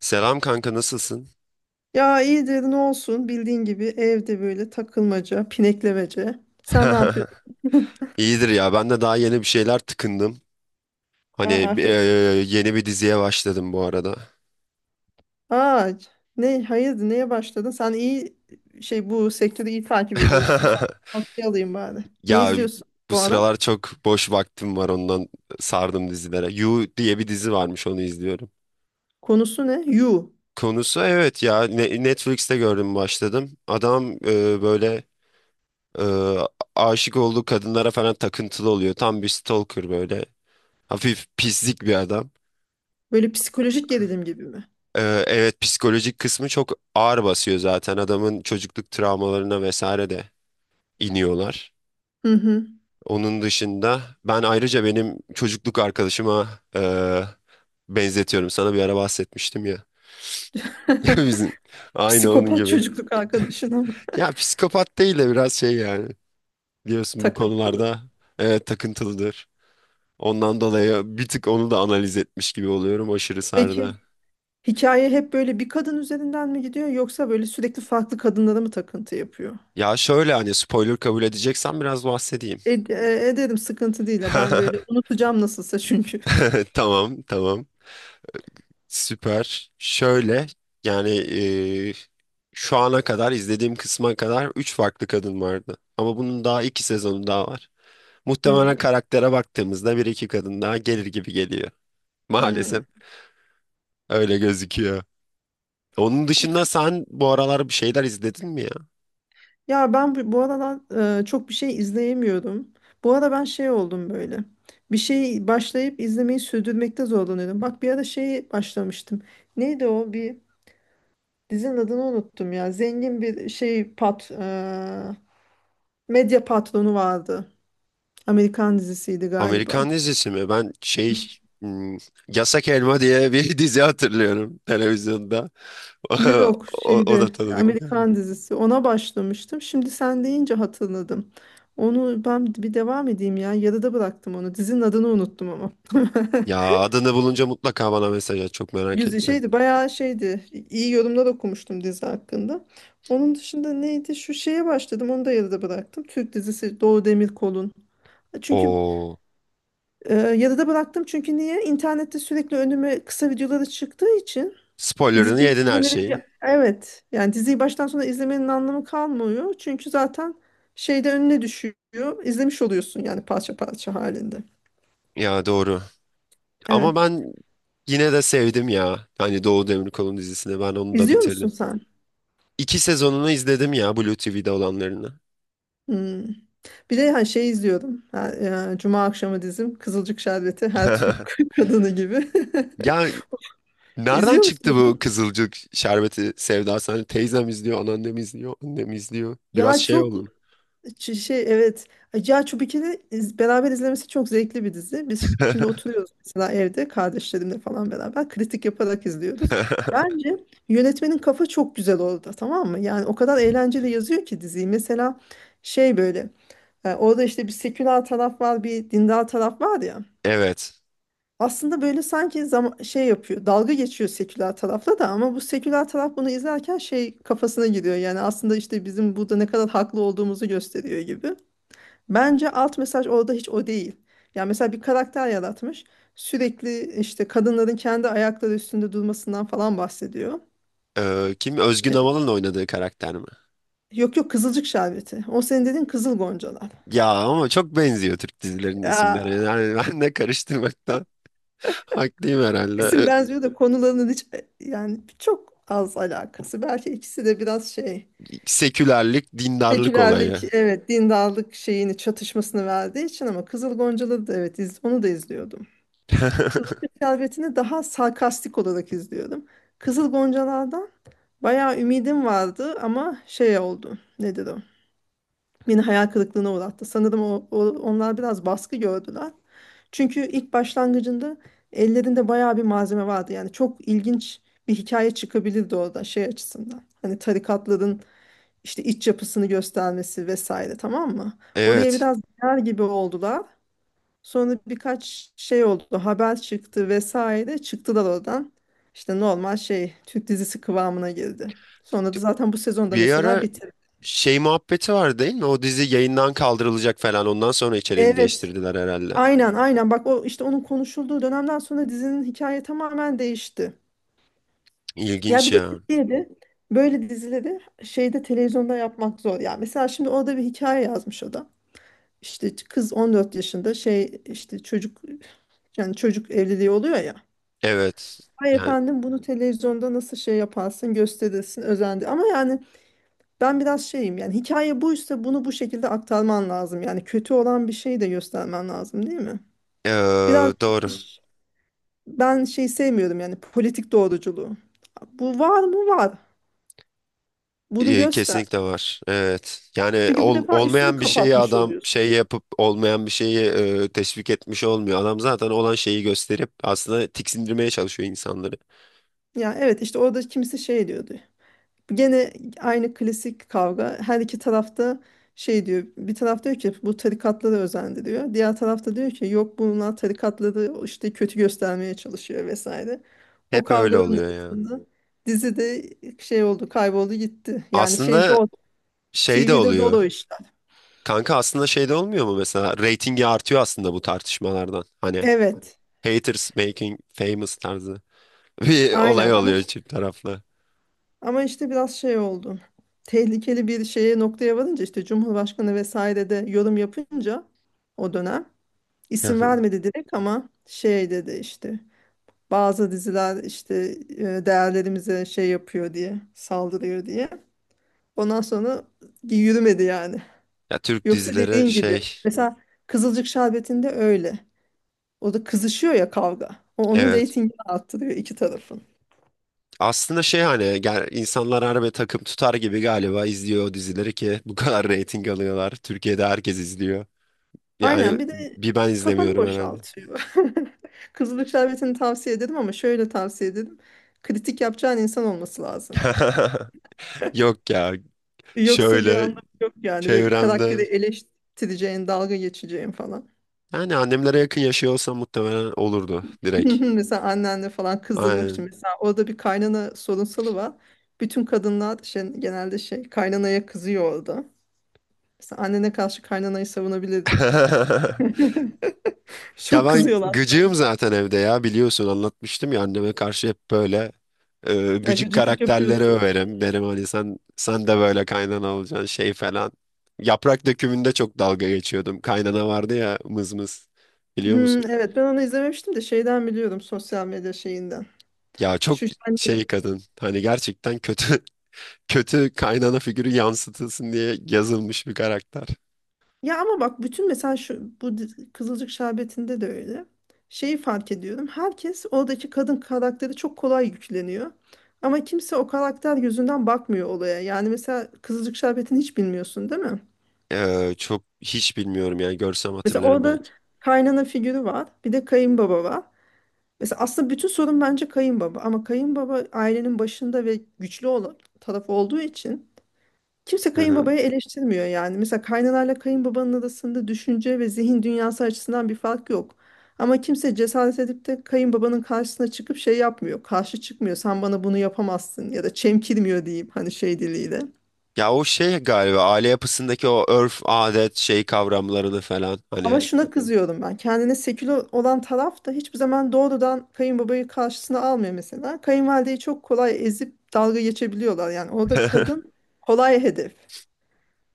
Selam kanka, nasılsın? Ya iyidir ne olsun bildiğin gibi evde böyle takılmaca, pineklemece. Sen ne yapıyorsun? İyidir ya, ben de daha yeni bir şeyler tıkındım. Hani Aa, e, afiyet olsun. yeni bir diziye başladım bu arada. Aa, ne hayırdır neye başladın? Sen iyi şey bu sektörü iyi takip ediyorsun. Sen tavsiye alayım bari. Ne Ya izliyorsun bu bu ara? sıralar çok boş vaktim var, ondan sardım dizilere. You diye bir dizi varmış, onu izliyorum. Konusu ne? You. Konusu evet ya, Netflix'te gördüm, başladım. Adam böyle e, aşık olduğu kadınlara falan takıntılı oluyor. Tam bir stalker böyle. Hafif pislik bir adam. Böyle psikolojik gerilim gibi mi? Evet, psikolojik kısmı çok ağır basıyor, zaten adamın çocukluk travmalarına vesaire de iniyorlar. Hı hı. Onun dışında ben ayrıca benim çocukluk arkadaşıma e, benzetiyorum. Sana bir ara bahsetmiştim ya. Bizim aynı onun Psikopat gibi. çocukluk arkadaşına mı? Ya psikopat değil de biraz şey yani. Biliyorsun bu Takıntılı. konularda evet, takıntılıdır. Ondan dolayı bir tık onu da analiz etmiş gibi oluyorum, aşırı Peki sardı. hikaye hep böyle bir kadın üzerinden mi gidiyor yoksa böyle sürekli farklı kadınlara mı takıntı yapıyor? Ya şöyle, hani spoiler kabul edeceksen biraz bahsedeyim. E, e, ederim, sıkıntı değil ya, ben böyle unutacağım nasılsa çünkü. Tamam tamam. Süper. Şöyle, yani şu ana kadar izlediğim kısma kadar 3 farklı kadın vardı. Ama bunun daha 2 sezonu daha var. Muhtemelen Hmm, karaktere baktığımızda bir iki kadın daha gelir gibi geliyor. hmm. Maalesef öyle gözüküyor. Onun dışında İşte, sen bu aralar bir şeyler izledin mi ya? ya ben bu aralar çok bir şey izleyemiyorum. Bu ara ben şey oldum böyle. Bir şeyi başlayıp izlemeyi sürdürmekte zorlanıyorum. Bak bir ara şeyi başlamıştım. Neydi o? Bir dizinin adını unuttum ya. Zengin bir şey medya patronu vardı. Amerikan dizisiydi galiba. Amerikan dizisi mi? Ben şey, hmm, Yasak Elma diye bir dizi hatırlıyorum televizyonda. Yok O, o şeyde da tanıdık geldi. Amerikan dizisi, ona başlamıştım. Şimdi sen deyince hatırladım. Onu ben bir devam edeyim ya. Yarıda bıraktım onu. Dizinin adını unuttum ama. Ya adını bulunca mutlaka bana mesaj at. Çok merak Güzel ettim. şeydi, bayağı şeydi. İyi yorumlar okumuştum dizi hakkında. Onun dışında neydi? Şu şeye başladım. Onu da yarıda bıraktım. Türk dizisi, Doğu Demirkol'un. Çünkü O yarıda bıraktım, çünkü niye? İnternette sürekli önüme kısa videoları çıktığı için spoilerını diziyi yedin her izlemenin şeyin. Evet, yani diziyi baştan sona izlemenin anlamı kalmıyor. Çünkü zaten şeyde önüne düşüyor. İzlemiş oluyorsun yani, parça parça halinde. Ya doğru. Evet. Ama ben yine de sevdim ya. Hani Doğu Demirkol'un dizisini, ben onu da İzliyor musun bitirdim. sen? İki sezonunu izledim ya, Blue TV'de olanlarını. Hmm. Bir de hani şey izliyordum. Ha, Cuma akşamı dizim Kızılcık Şerbeti, her Türk kadını gibi. Ya nereden İzliyor musun? çıktı bu Kızılcık şerbeti sevdası? Hani teyzem izliyor, anneannem izliyor, annem izliyor. Biraz Ya şey çok oldum. Şey, evet. Cihan Çubikin'i beraber izlemesi çok zevkli bir dizi. Biz şimdi oturuyoruz mesela, evde kardeşlerimle falan beraber kritik yaparak izliyoruz. Bence yönetmenin kafa çok güzel orada, tamam mı? Yani o kadar eğlenceli yazıyor ki diziyi. Mesela şey böyle orada işte bir seküler taraf var, bir dindar taraf var ya. Evet. Aslında böyle sanki zam şey yapıyor, dalga geçiyor seküler tarafla da, ama bu seküler taraf bunu izlerken şey kafasına giriyor. Yani aslında işte bizim burada ne kadar haklı olduğumuzu gösteriyor gibi. Bence alt mesaj orada hiç o değil. Yani mesela bir karakter yaratmış. Sürekli işte kadınların kendi ayakları üstünde durmasından falan bahsediyor. Kim? Özgün Amal'ın oynadığı karakter mi? Yok yok, kızılcık şerbeti. O senin dediğin Kızıl Goncalar. Ya ama çok benziyor Türk dizilerinin isimleri. Aa, Yani ben de karıştırmaktan haklıyım isim herhalde. benziyor da konularının hiç, yani çok az alakası. Belki ikisi de biraz şey Sekülerlik, dindarlık olayı. sekülerlik, evet dindarlık şeyini, çatışmasını verdiği için, ama Kızıl Goncaları da evet, onu da izliyordum. Kızıl Şerbeti'ni daha sarkastik olarak izliyordum. Kızıl Goncalar'dan bayağı ümidim vardı ama şey oldu. Nedir o? Beni hayal kırıklığına uğrattı. Sanırım onlar biraz baskı gördüler. Çünkü ilk başlangıcında ellerinde bayağı bir malzeme vardı. Yani çok ilginç bir hikaye çıkabilirdi orada şey açısından. Hani tarikatların işte iç yapısını göstermesi vesaire, tamam mı? Oraya Evet. biraz girer gibi oldular. Sonra birkaç şey oldu, haber çıktı vesaire. Çıktılar oradan. İşte normal şey Türk dizisi kıvamına girdi. Sonra da zaten bu sezonda Bir mesela ara bitirdi. şey muhabbeti var değil mi? O dizi yayından kaldırılacak falan. Ondan sonra içeriğini Evet. değiştirdiler herhalde. Aynen aynen, bak o işte onun konuşulduğu dönemden sonra dizinin hikaye tamamen değişti. Ya İlginç bir de ya. Türkiye'de böyle dizileri şeyde televizyonda yapmak zor. Ya mesela şimdi orada bir hikaye yazmış o da. İşte kız 14 yaşında şey, işte çocuk, yani çocuk evliliği oluyor ya. Evet. Ay Yani efendim, bunu televizyonda nasıl şey yaparsın, gösterirsin, özendi. Ama yani ben biraz şeyim, yani hikaye buysa bunu bu şekilde aktarman lazım. Yani kötü olan bir şeyi de göstermen lazım değil mi? Biraz eee, doğru. ş- ben şey sevmiyorum yani, politik doğruculuğu. Bu var mı, var. Bunu E, göster. kesinlikle var. Evet. Yani Çünkü bu defa üstünü olmayan bir şeyi kapatmış adam oluyorsun. şey yapıp olmayan bir şeyi teşvik etmiş olmuyor. Adam zaten olan şeyi gösterip aslında tiksindirmeye çalışıyor insanları. Ya evet, işte orada kimisi şey diyordu. Gene aynı klasik kavga. Her iki tarafta şey diyor. Bir taraf diyor ki bu tarikatları özendiriyor. Diğer tarafta diyor ki yok, bunlar tarikatları işte kötü göstermeye çalışıyor vesaire. O Hep öyle kavgaların oluyor ya. arasında dizi de şey oldu, kayboldu gitti. Yani şey Aslında zor. şey de TV'de zor oluyor. o işler. Kanka, aslında şeyde olmuyor mu mesela, reytingi artıyor aslında bu tartışmalardan. Hani Evet. haters making famous tarzı bir Aynen, olay ama oluyor çift taraflı. ama işte biraz şey oldu. Tehlikeli bir şeye, noktaya varınca işte Cumhurbaşkanı vesaire de yorum yapınca, o dönem Hı İsim hı. vermedi direkt ama şey dedi işte, bazı diziler işte değerlerimize şey yapıyor diye, saldırıyor diye. Ondan sonra yürümedi yani. Ya Türk Yoksa dizileri dediğin gibi şey, mesela Kızılcık Şerbeti'nde öyle. O da kızışıyor ya kavga. O onun evet. reytingini arttırıyor, iki tarafın. Aslında şey, hani gel, insanlar harbi takım tutar gibi galiba izliyor o dizileri ki bu kadar reyting alıyorlar. Türkiye'de herkes izliyor. Yani Aynen, bir de bir ben kafanı izlemiyorum herhalde. boşaltıyor. Kızılcık Şerbeti'ni tavsiye ederim, ama şöyle tavsiye ederim. Kritik yapacağın insan olması lazım. Yok ya, Yoksa bir şöyle anlamı yok yani, böyle çevremde, karakteri eleştireceğin, dalga geçeceğin falan. yani annemlere yakın yaşıyor olsam muhtemelen olurdu Hı direkt. hı, mesela annenle falan kızdırmak için, Aynen. mesela orada bir kaynana sorunsalı var. Bütün kadınlar şey, genelde şey kaynanaya kızıyor orada. Mesela annene karşı kaynanayı savunabilirdin. Ya Çok ben kızıyorlar sana. gıcığım zaten evde ya, biliyorsun anlatmıştım ya, anneme karşı hep böyle Ya gıcık gıcıklık karakterleri yapıyorsun. överim. Derim hani sen de böyle kaynana olacaksın şey falan. Yaprak Dökümü'nde çok dalga geçiyordum. Kaynana vardı ya mız mız, biliyor musun? Hmm, evet, ben onu izlememiştim de şeyden biliyorum, sosyal medya şeyinden. Ya çok Şu hani, şey kadın, hani gerçekten kötü kötü kaynana figürü yansıtılsın diye yazılmış bir karakter. ya ama bak bütün, mesela şu bu Kızılcık Şerbeti'nde de öyle. Şeyi fark ediyorum. Herkes oradaki kadın karakteri çok kolay yükleniyor. Ama kimse o karakter yüzünden bakmıyor olaya. Yani mesela Kızılcık Şerbeti'ni hiç bilmiyorsun değil mi? Çok hiç bilmiyorum yani, görsem Mesela hatırlarım orada belki. kaynana figürü var. Bir de kayınbaba var. Mesela aslında bütün sorun bence kayınbaba. Ama kayınbaba ailenin başında ve güçlü olan taraf olduğu için kimse kayınbabayı eleştirmiyor yani. Mesela kaynanayla kayınbabanın arasında düşünce ve zihin dünyası açısından bir fark yok. Ama kimse cesaret edip de kayınbabanın karşısına çıkıp şey yapmıyor. Karşı çıkmıyor. Sen bana bunu yapamazsın, ya da çemkirmiyor diyeyim, hani şey diliyle. Ya o şey galiba, aile yapısındaki o örf, adet, şey kavramlarını falan Ama hani. evet, şuna evet kızıyorum ben. Kendine seküler olan taraf da hiçbir zaman doğrudan kayınbabayı karşısına almıyor mesela. Kayınvalideyi çok kolay ezip dalga geçebiliyorlar. Yani orada kadın kolay hedef.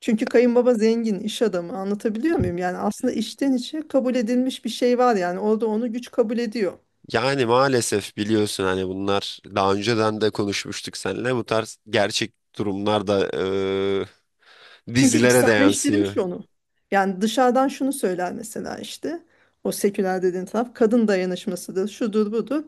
Çünkü kayınbaba zengin, iş adamı, anlatabiliyor muyum? Yani aslında içten içe kabul edilmiş bir şey var yani, orada onu güç kabul ediyor. Yani maalesef biliyorsun hani, bunlar daha önceden de konuşmuştuk seninle, bu tarz gerçek durumlar da Çünkü dizilere de içselleştirmiş yansıyor. onu. Yani dışarıdan şunu söyler mesela işte, o seküler dediğin taraf kadın dayanışmasıdır, şudur budur.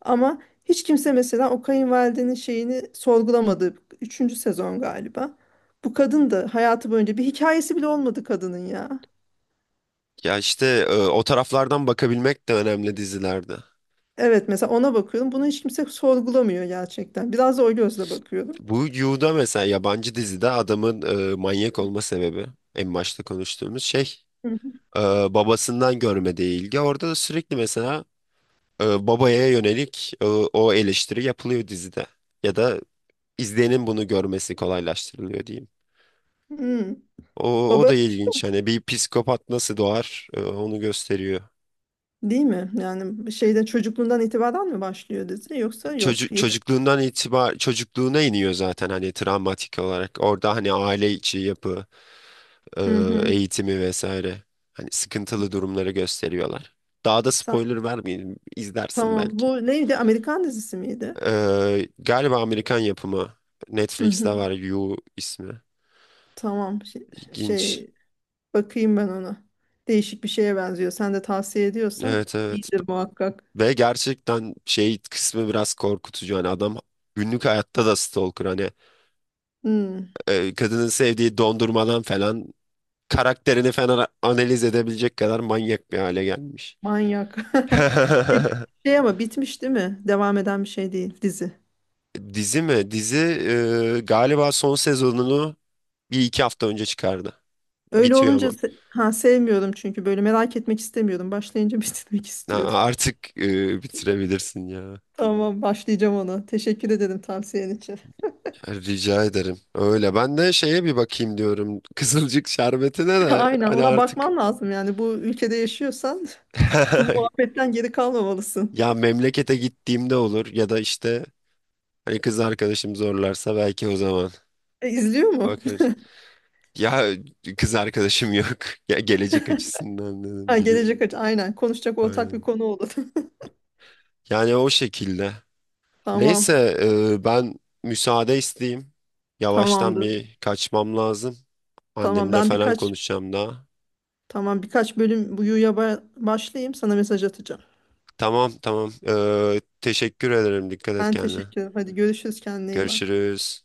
Ama hiç kimse mesela o kayınvalidenin şeyini sorgulamadı. Üçüncü sezon galiba. Bu kadın da hayatı boyunca bir hikayesi bile olmadı kadının ya. Ya işte o taraflardan bakabilmek de önemli dizilerde. Evet, mesela ona bakıyorum. Bunu hiç kimse sorgulamıyor gerçekten. Biraz da o gözle bakıyorum. Bu Yu'da mesela, yabancı dizide adamın manyak olma sebebi, en başta konuştuğumuz şey, e, babasından görmediği ilgi. Orada da sürekli mesela babaya yönelik o eleştiri yapılıyor dizide. Ya da izleyenin bunu görmesi kolaylaştırılıyor diyeyim. Hmm. O, o Baba da ilginç. Hani bir psikopat nasıl doğar, onu gösteriyor. değil mi? Yani şeyden çocukluğundan itibaren mi başlıyor dizi, yoksa yok yetiş. Çocukluğundan çocukluğuna iniyor zaten, hani travmatik olarak. Orada hani aile içi yapı, e, Hı hı. eğitimi vesaire. Hani sıkıntılı durumları gösteriyorlar. Daha da Sen, spoiler vermeyeyim, izlersin tamam. belki. Bu neydi? Amerikan dizisi miydi? E, galiba Amerikan yapımı. Hı Netflix'te hı. var, You ismi. Tamam. Şey, İlginç. şey, bakayım ben ona. Değişik bir şeye benziyor. Sen de tavsiye ediyorsan Evet evet. iyidir muhakkak. Ve gerçekten şey kısmı biraz korkutucu. Hani adam günlük hayatta da stalker. Hani Hmm, kadının sevdiği dondurmadan falan karakterini falan analiz edebilecek kadar manyak bir hale gelmiş. manyak. Peki şey, ama bitmiş değil mi? Devam eden bir şey değil dizi. Dizi mi? Dizi galiba son sezonunu bir iki hafta önce çıkardı. Öyle Bitiyor olunca ama. Ha sevmiyorum, çünkü böyle merak etmek istemiyordum. Başlayınca bitirmek Ya istiyordum. artık bitirebilirsin ya. Tamam, başlayacağım ona. Teşekkür ederim tavsiyen için. Rica ederim. Öyle. Ben de şeye bir bakayım diyorum, Kızılcık Şerbeti'ne de Aynen, hani ona artık. bakman lazım yani, bu ülkede yaşıyorsan bu muhabbetten geri kalmamalısın. Ya memlekete gittiğimde olur, ya da işte hani kız arkadaşım zorlarsa belki o zaman E, izliyor mu? bakarız. Ya kız arkadaşım yok. Ya gelecek açısından Ha, dedim bili. gelecek aynen, konuşacak ortak bir Aynen. konu olur. Yani o şekilde. Tamam, Neyse, ben müsaade isteyeyim. Yavaştan tamamdır. bir kaçmam lazım. Tamam, Annemle ben falan birkaç, konuşacağım daha. tamam birkaç bölüm bu yuya başlayayım, sana mesaj atacağım. Tamam tamam. E, teşekkür ederim. Dikkat et Ben kendine. teşekkür ederim. Hadi görüşürüz, kendine iyi bak. Görüşürüz.